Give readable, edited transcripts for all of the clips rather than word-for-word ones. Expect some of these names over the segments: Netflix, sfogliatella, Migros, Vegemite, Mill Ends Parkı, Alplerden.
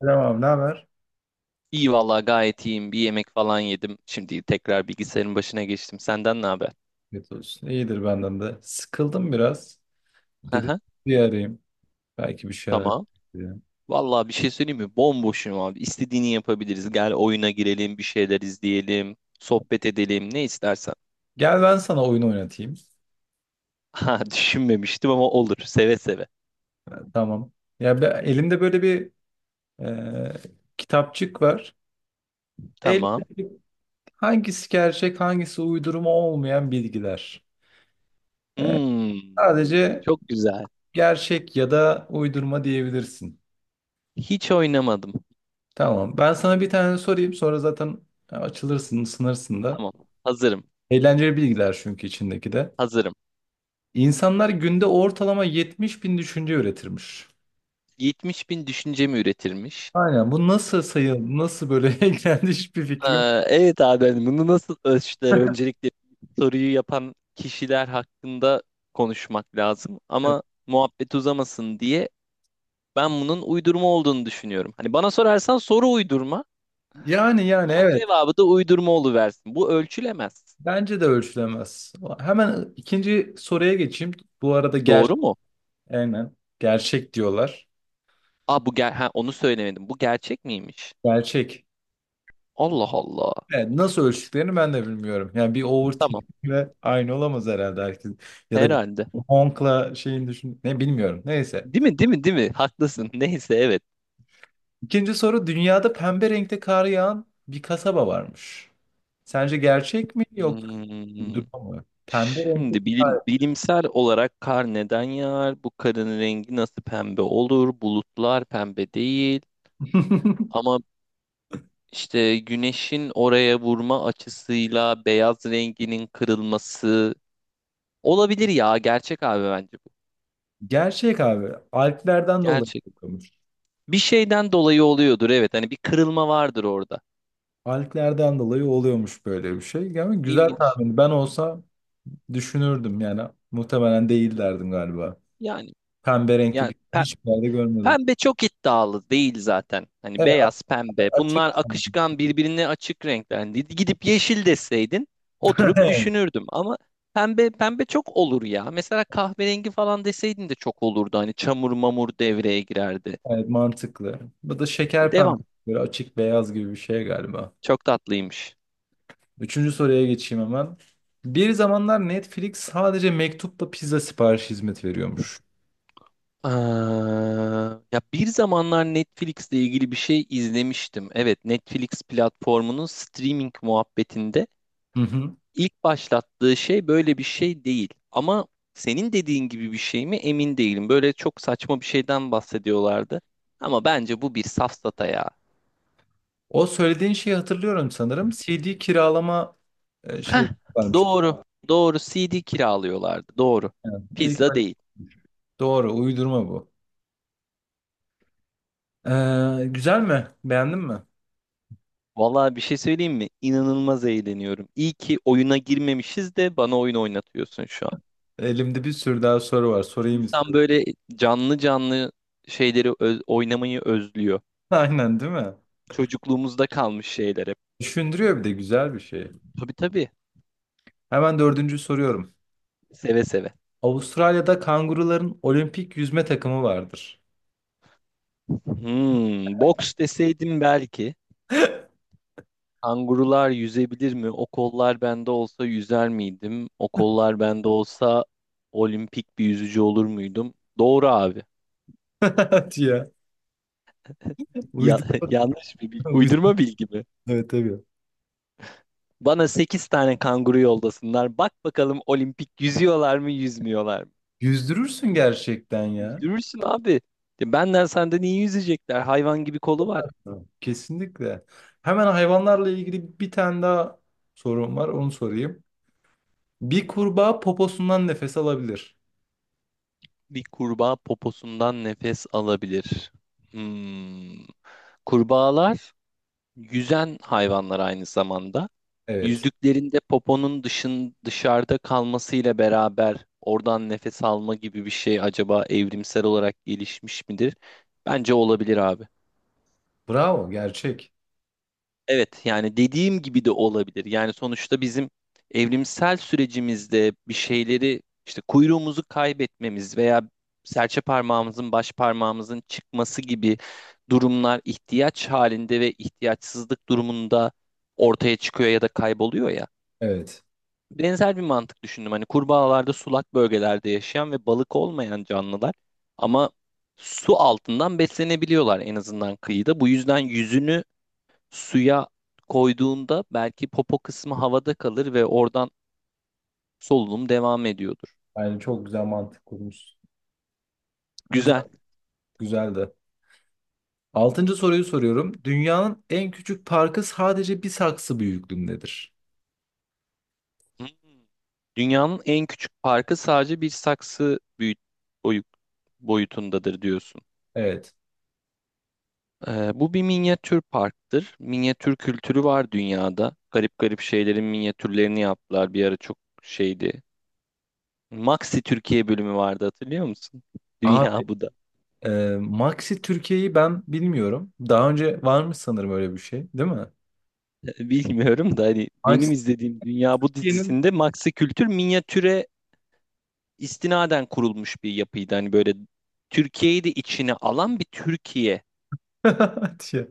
Selam abi, ne haber? İyi vallahi gayet iyiyim. Bir yemek falan yedim. Şimdi tekrar bilgisayarın başına geçtim. Senden ne haber? Evet olsun. İyidir benden de. Sıkıldım biraz. Dedim Haha. bir arayayım. Belki bir şeyler Tamam. yapabilirim. Vallahi bir şey söyleyeyim mi? Bomboşum abi. İstediğini yapabiliriz. Gel oyuna girelim, bir şeyler izleyelim, sohbet edelim, ne istersen. Gel ben sana oyun oynatayım. Ha, düşünmemiştim ama olur. Seve seve. Ha, tamam. Ya ben, elimde böyle bir e, kitapçık var. Tamam. Elimde hangisi gerçek, hangisi uydurma olmayan bilgiler. E, Hmm, Sadece çok güzel. gerçek ya da uydurma diyebilirsin. Hiç oynamadım. Tamam. Ben sana bir tane sorayım. Sonra zaten açılırsın, ısınırsın da. Tamam. Hazırım. Eğlenceli bilgiler çünkü içindeki de. Hazırım. İnsanlar günde ortalama 70 bin düşünce üretirmiş. 70 bin düşünce mi üretilmiş? Aynen, bu nasıl sayı, nasıl böyle kendi hiçbir Ee, fikrim evet abi, hani bunu nasıl ölçtüler? Öncelikle soruyu yapan kişiler hakkında konuşmak lazım. yok. Ama muhabbet uzamasın diye ben bunun uydurma olduğunu düşünüyorum. Hani bana sorarsan soru uydurma, Yani, ama evet, cevabı da uydurma oluversin. Bu ölçülemez. bence de ölçülemez. Hemen ikinci soruya geçeyim. Bu arada, Doğru mu? aynen, gerçek diyorlar. Aa, bu ha, onu söylemedim. Bu gerçek miymiş? Gerçek. Allah Allah. Evet, nasıl ölçtüklerini ben de bilmiyorum. Yani bir Tamam overthinking'le aynı olamaz herhalde herkes. Ya da bir herhalde. honkla şeyin düşün, ne bilmiyorum. Neyse. Değil mi, değil mi, değil mi? Haklısın. Neyse, evet. İkinci soru: dünyada pembe renkte kar yağan bir kasaba varmış. Sence gerçek mi yok Hmm. uydurma mı? Pembe renkte Şimdi kar. bilim, bilimsel olarak kar neden yağar? Bu karın rengi nasıl pembe olur? Bulutlar pembe değil. Ama işte güneşin oraya vurma açısıyla beyaz renginin kırılması olabilir ya. Gerçek abi, bence bu. Gerçek abi. Alplerden dolayı Gerçek. oluyormuş. Bir şeyden dolayı oluyordur, evet. Hani bir kırılma vardır orada. Alplerden dolayı oluyormuş böyle bir şey. Yani güzel İlginç. tahmin. Ben olsa düşünürdüm yani. Muhtemelen değil derdim galiba. Yani Pembe renkte yani bir hiçbir yerde görmedim. pembe çok iddialı değil zaten. Hani Evet beyaz, a- pembe. açık. Bunlar akışkan, birbirine açık renkler. Hani gidip yeşil deseydin oturup düşünürdüm. Ama pembe, pembe çok olur ya. Mesela kahverengi falan deseydin de çok olurdu. Hani çamur mamur devreye girerdi. Evet, mantıklı. Bu da şeker pembe. Devam. Böyle açık beyaz gibi bir şey galiba. Çok tatlıymış. Üçüncü soruya geçeyim hemen. Bir zamanlar Netflix sadece mektupla pizza siparişi hizmet veriyormuş. Aa, ya bir zamanlar Netflix'le ilgili bir şey izlemiştim. Evet, Netflix platformunun streaming muhabbetinde Hı hı. İlk başlattığı şey böyle bir şey değil. Ama senin dediğin gibi bir şey mi, emin değilim. Böyle çok saçma bir şeyden bahsediyorlardı. Ama bence bu bir safsata ya. O söylediğin şeyi hatırlıyorum sanırım. C D kiralama e, şey Heh, varmış. doğru. Doğru, CD kiralıyorlardı. Doğru. Yani ilk Pizza böyle- değil. doğru, uydurma bu. Güzel mi? Beğendin mi? Vallahi bir şey söyleyeyim mi? İnanılmaz eğleniyorum. İyi ki oyuna girmemişiz de bana oyun oynatıyorsun şu an. Elimde bir sürü daha soru var. Sorayım İnsan istiyorum. böyle canlı canlı şeyleri oynamayı özlüyor. Aynen, değil mi? Çocukluğumuzda kalmış şeyler hep. Düşündürüyor bir de, güzel bir şey. Tabii, tabii. Hemen dördüncü soruyorum. Seve seve. Avustralya'da kanguruların olimpik yüzme takımı vardır. Hmm, boks deseydim belki. Kangurular yüzebilir mi? O kollar bende olsa yüzer miydim? O kollar bende olsa olimpik bir yüzücü olur muydum? Doğru abi. Hadi ya. Ya, Uydurma. yanlış bir bilgi. Uydurma bilgi mi? Evet tabii. Bana 8 tane kanguru yoldasınlar. Bak bakalım, olimpik yüzüyorlar mı, yüzmüyorlar mı? Yüzdürürsün gerçekten ya. Yüzdürürsün abi. Ya, benden senden iyi yüzecekler. Hayvan gibi kolu var. Tamam. Kesinlikle. Hemen hayvanlarla ilgili bir tane daha sorum var. Onu sorayım. Bir kurbağa poposundan nefes alabilir. Bir kurbağa poposundan nefes alabilir. Hmm. Kurbağalar yüzen hayvanlar aynı zamanda. Evet. Yüzdüklerinde poponun dışarıda kalmasıyla beraber oradan nefes alma gibi bir şey acaba evrimsel olarak gelişmiş midir? Bence olabilir abi. Bravo. Gerçek. Evet, yani dediğim gibi de olabilir. Yani sonuçta bizim evrimsel sürecimizde bir şeyleri işte kuyruğumuzu kaybetmemiz veya serçe parmağımızın baş parmağımızın çıkması gibi durumlar ihtiyaç halinde ve ihtiyaçsızlık durumunda ortaya çıkıyor ya da kayboluyor ya. Evet. Benzer bir mantık düşündüm. Hani kurbağalarda sulak bölgelerde yaşayan ve balık olmayan canlılar, ama su altından beslenebiliyorlar en azından kıyıda. Bu yüzden yüzünü suya koyduğunda belki popo kısmı havada kalır ve oradan solunum devam ediyordur. Yani çok güzel mantık kurmuşsun. Güzel. Güzel. Güzeldi. Altıncı soruyu soruyorum. Dünyanın en küçük parkı sadece bir saksı büyüklüğündedir. Hmm. Dünyanın en küçük parkı sadece bir saksı boyu- boyutundadır diyorsun. Evet. Bu bir minyatür parktır. Minyatür kültürü var dünyada. Garip garip şeylerin minyatürlerini yaptılar. Bir ara çok şeydi. Maxi Türkiye bölümü vardı, hatırlıyor musun? Abi, Dünya bu da. e, Maxi Türkiye'yi ben bilmiyorum. Daha önce varmış sanırım öyle bir şey, değil mi? Bilmiyorum da hani Maxi benim izlediğim Dünya bu dizisinde Maxi Kültür minyatüre istinaden kurulmuş bir yapıydı. Hani böyle Türkiye'yi de içine alan bir Türkiye. diye.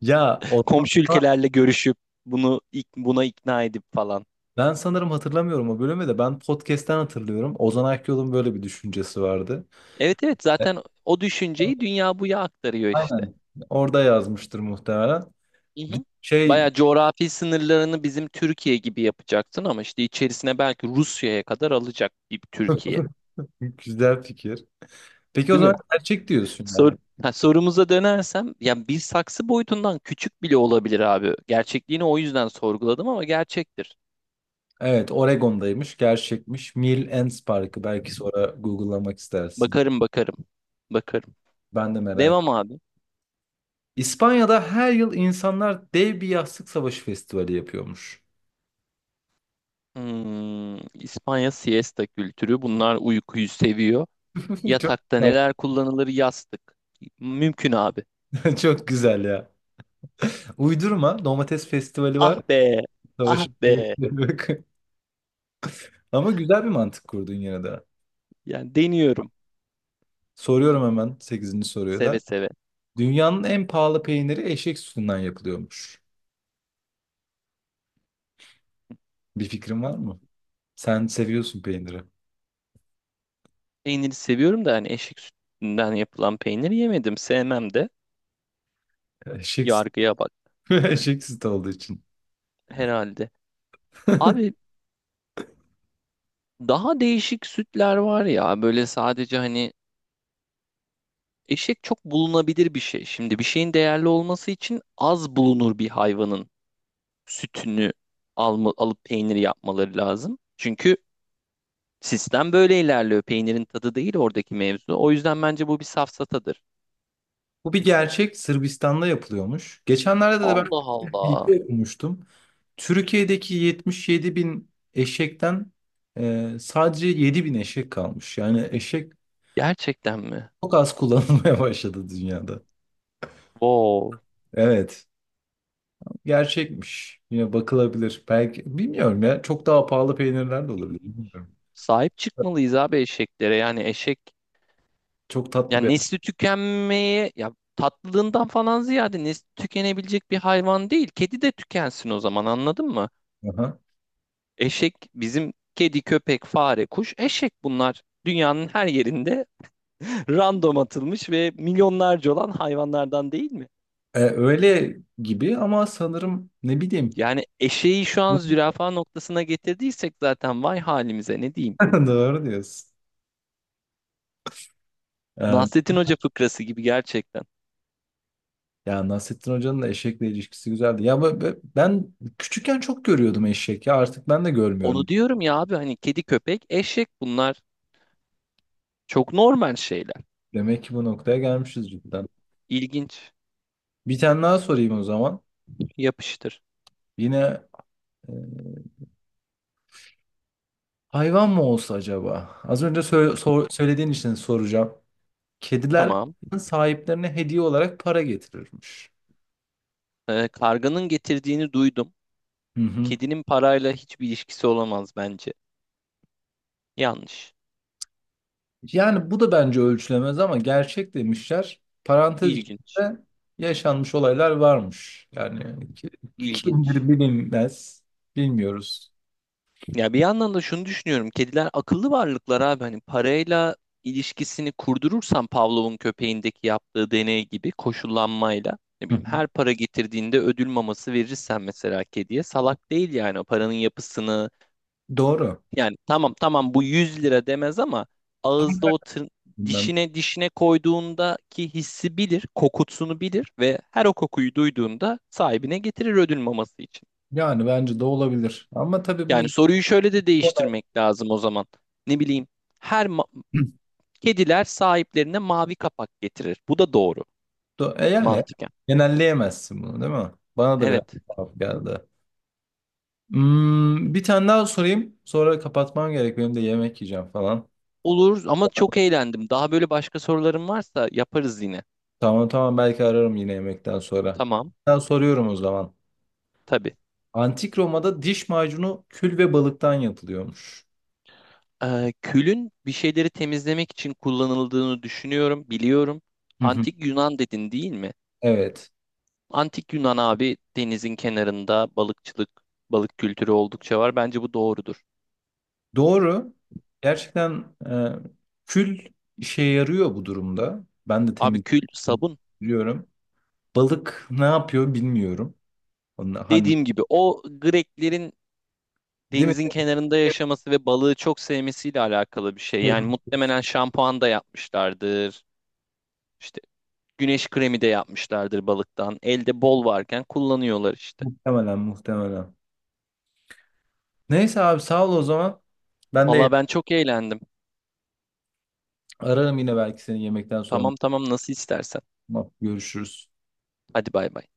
Ya Ozan, Komşu ülkelerle görüşüp bunu buna ikna edip falan. ben sanırım hatırlamıyorum o bölümü de, ben podcast'ten hatırlıyorum. Ozan Akyol'un böyle bir düşüncesi vardı. Evet, evet, E, zaten o düşünceyi dünya buya aktarıyor işte. Aynen. Orada yazmıştır muhtemelen. Hı hı. Şey, Bayağı coğrafi sınırlarını bizim Türkiye gibi yapacaksın ama işte içerisine belki Rusya'ya kadar alacak bir Türkiye. güzel fikir. Peki o Değil mi? zaman gerçek diyorsun Sor yani. ha, sorumuza dönersem ya bir saksı boyutundan küçük bile olabilir abi. Gerçekliğini o yüzden sorguladım, ama gerçektir. Evet, Oregon'daymış, gerçekmiş. Mill Ends Parkı, belki sonra Google'lamak istersin. Bakarım, bakarım. Bakarım. Ben de merak ettim. Devam abi. İspanya'da her yıl insanlar dev bir yastık savaşı festivali yapıyormuş. Hmm, İspanya siesta kültürü. Bunlar uykuyu seviyor. Çok Yatakta güzel. neler kullanılır? Yastık. Mümkün abi. Çok güzel ya. Uydurma, domates festivali Ah var. be. Ah Savaşın yok. be. Ama güzel bir mantık kurdun yine de. Yani deniyorum. Soruyorum hemen sekizinci soruyu da. Seve seve. Dünyanın en pahalı peyniri eşek sütünden yapılıyormuş. Bir fikrin var mı? Sen seviyorsun peyniri. Peyniri seviyorum da hani eşek sütünden yapılan peynir yemedim. Sevmem de. Eşek, süt- Yargıya bak eşek sütü olduğu için. herhalde. Abi daha değişik sütler var ya. Böyle sadece hani eşek çok bulunabilir bir şey. Şimdi bir şeyin değerli olması için az bulunur bir hayvanın sütünü alma, alıp peyniri yapmaları lazım. Çünkü sistem böyle ilerliyor. Peynirin tadı değil oradaki mevzu. O yüzden bence bu bir safsatadır. Bu bir gerçek. Sırbistan'da yapılıyormuş. Geçenlerde de ben Allah bir Allah. bilgi okumuştum. Türkiye'deki 77 bin eşekten sadece 7 bin eşek kalmış. Yani eşek Gerçekten mi? çok az kullanılmaya başladı dünyada. Wow. Evet, gerçekmiş. Yine bakılabilir. Belki, bilmiyorum ya. Çok daha pahalı peynirler de olabilir. İlginç. Bilmiyorum. Sahip çıkmalıyız abi eşeklere. Yani eşek, Çok tatlı yani bir. nesli tükenmeye, ya tatlılığından falan ziyade, nesli tükenebilecek bir hayvan değil. Kedi de tükensin o zaman, anladın mı? Aha. Eşek bizim kedi, köpek, fare, kuş, eşek, bunlar. Dünyanın her yerinde random atılmış ve milyonlarca olan hayvanlardan, değil mi? Öyle gibi ama sanırım, ne bileyim. Yani eşeği şu an zürafa noktasına getirdiysek zaten vay halimize, ne diyeyim. Doğru diyorsun. E, Nasrettin Hoca fıkrası gibi gerçekten. ya Nasrettin Hoca'nın da eşekle ilişkisi güzeldi. Ya ben küçükken çok görüyordum eşek, ya artık ben de Onu görmüyorum. diyorum ya abi, hani kedi, köpek, eşek, bunlar çok normal şeyler. Demek ki bu noktaya gelmişiz cidden. İlginç. Bir tane daha sorayım o zaman. Yapıştır. Yine e, hayvan mı olsa acaba? Az önce söylediğin için soracağım. Kediler Tamam. sahiplerine hediye olarak para getirirmiş. Karganın getirdiğini duydum. Hı hı. Kedinin parayla hiçbir ilişkisi olamaz bence. Yanlış. Yani bu da bence ölçülemez ama gerçek demişler. Parantez İlginç. içinde yaşanmış olaylar varmış. İlginç. Kimdir bilinmez. Bilmiyoruz. Ya bir yandan da şunu düşünüyorum. Kediler akıllı varlıklar abi. Hani parayla ilişkisini kurdurursan Pavlov'un köpeğindeki yaptığı deney gibi koşullanmayla, ne Hı hı. bileyim, her para getirdiğinde ödül maması verirsen mesela, kediye salak değil yani, o paranın yapısını, Doğru. yani tamam, tamam bu 100 lira demez, ama ağızda o Bilmem. dişine dişine koyduğundaki hissi bilir, kokusunu bilir ve her o kokuyu duyduğunda sahibine getirir ödül maması için. Yani bence de olabilir. Ama tabii Yani bunu soruyu şöyle de değiştirmek lazım o zaman. Ne bileyim, her kediler sahiplerine mavi kapak getirir. Bu da doğru yani mantıken. genelleyemezsin bunu, değil mi? Bana da biraz Evet. tuhaf geldi. Hmm, bir tane daha sorayım. Sonra kapatmam gerek. Benim de yemek yiyeceğim falan. Olur, ama çok eğlendim. Daha böyle başka sorularım varsa yaparız yine. Tamam tamam, belki ararım yine yemekten sonra. Tamam. Ben soruyorum o zaman. Tabii. Antik Roma'da diş macunu kül ve balıktan yapılıyormuş. Külün bir şeyleri temizlemek için kullanıldığını düşünüyorum, biliyorum. Hı hı. Antik Yunan dedin değil mi? Evet. Antik Yunan abi, denizin kenarında balıkçılık, balık kültürü oldukça var. Bence bu doğrudur. Doğru. Gerçekten, kül işe yarıyor bu durumda. Ben de Abi temiz kül sabun, biliyorum. Balık ne yapıyor bilmiyorum. Onu, hani, dediğim gibi o Greklerin değil mi? denizin kenarında yaşaması ve balığı çok sevmesiyle alakalı bir şey. Yani muhtemelen şampuan da yapmışlardır. İşte güneş kremi de yapmışlardır balıktan. Elde bol varken kullanıyorlar işte. Muhtemelen, muhtemelen. Neyse abi, sağ ol o zaman. Ben de Valla ben çok eğlendim. ararım yine belki seni yemekten sonra. Tamam, tamam, nasıl istersen. Tamam, görüşürüz. Hadi, bay bay.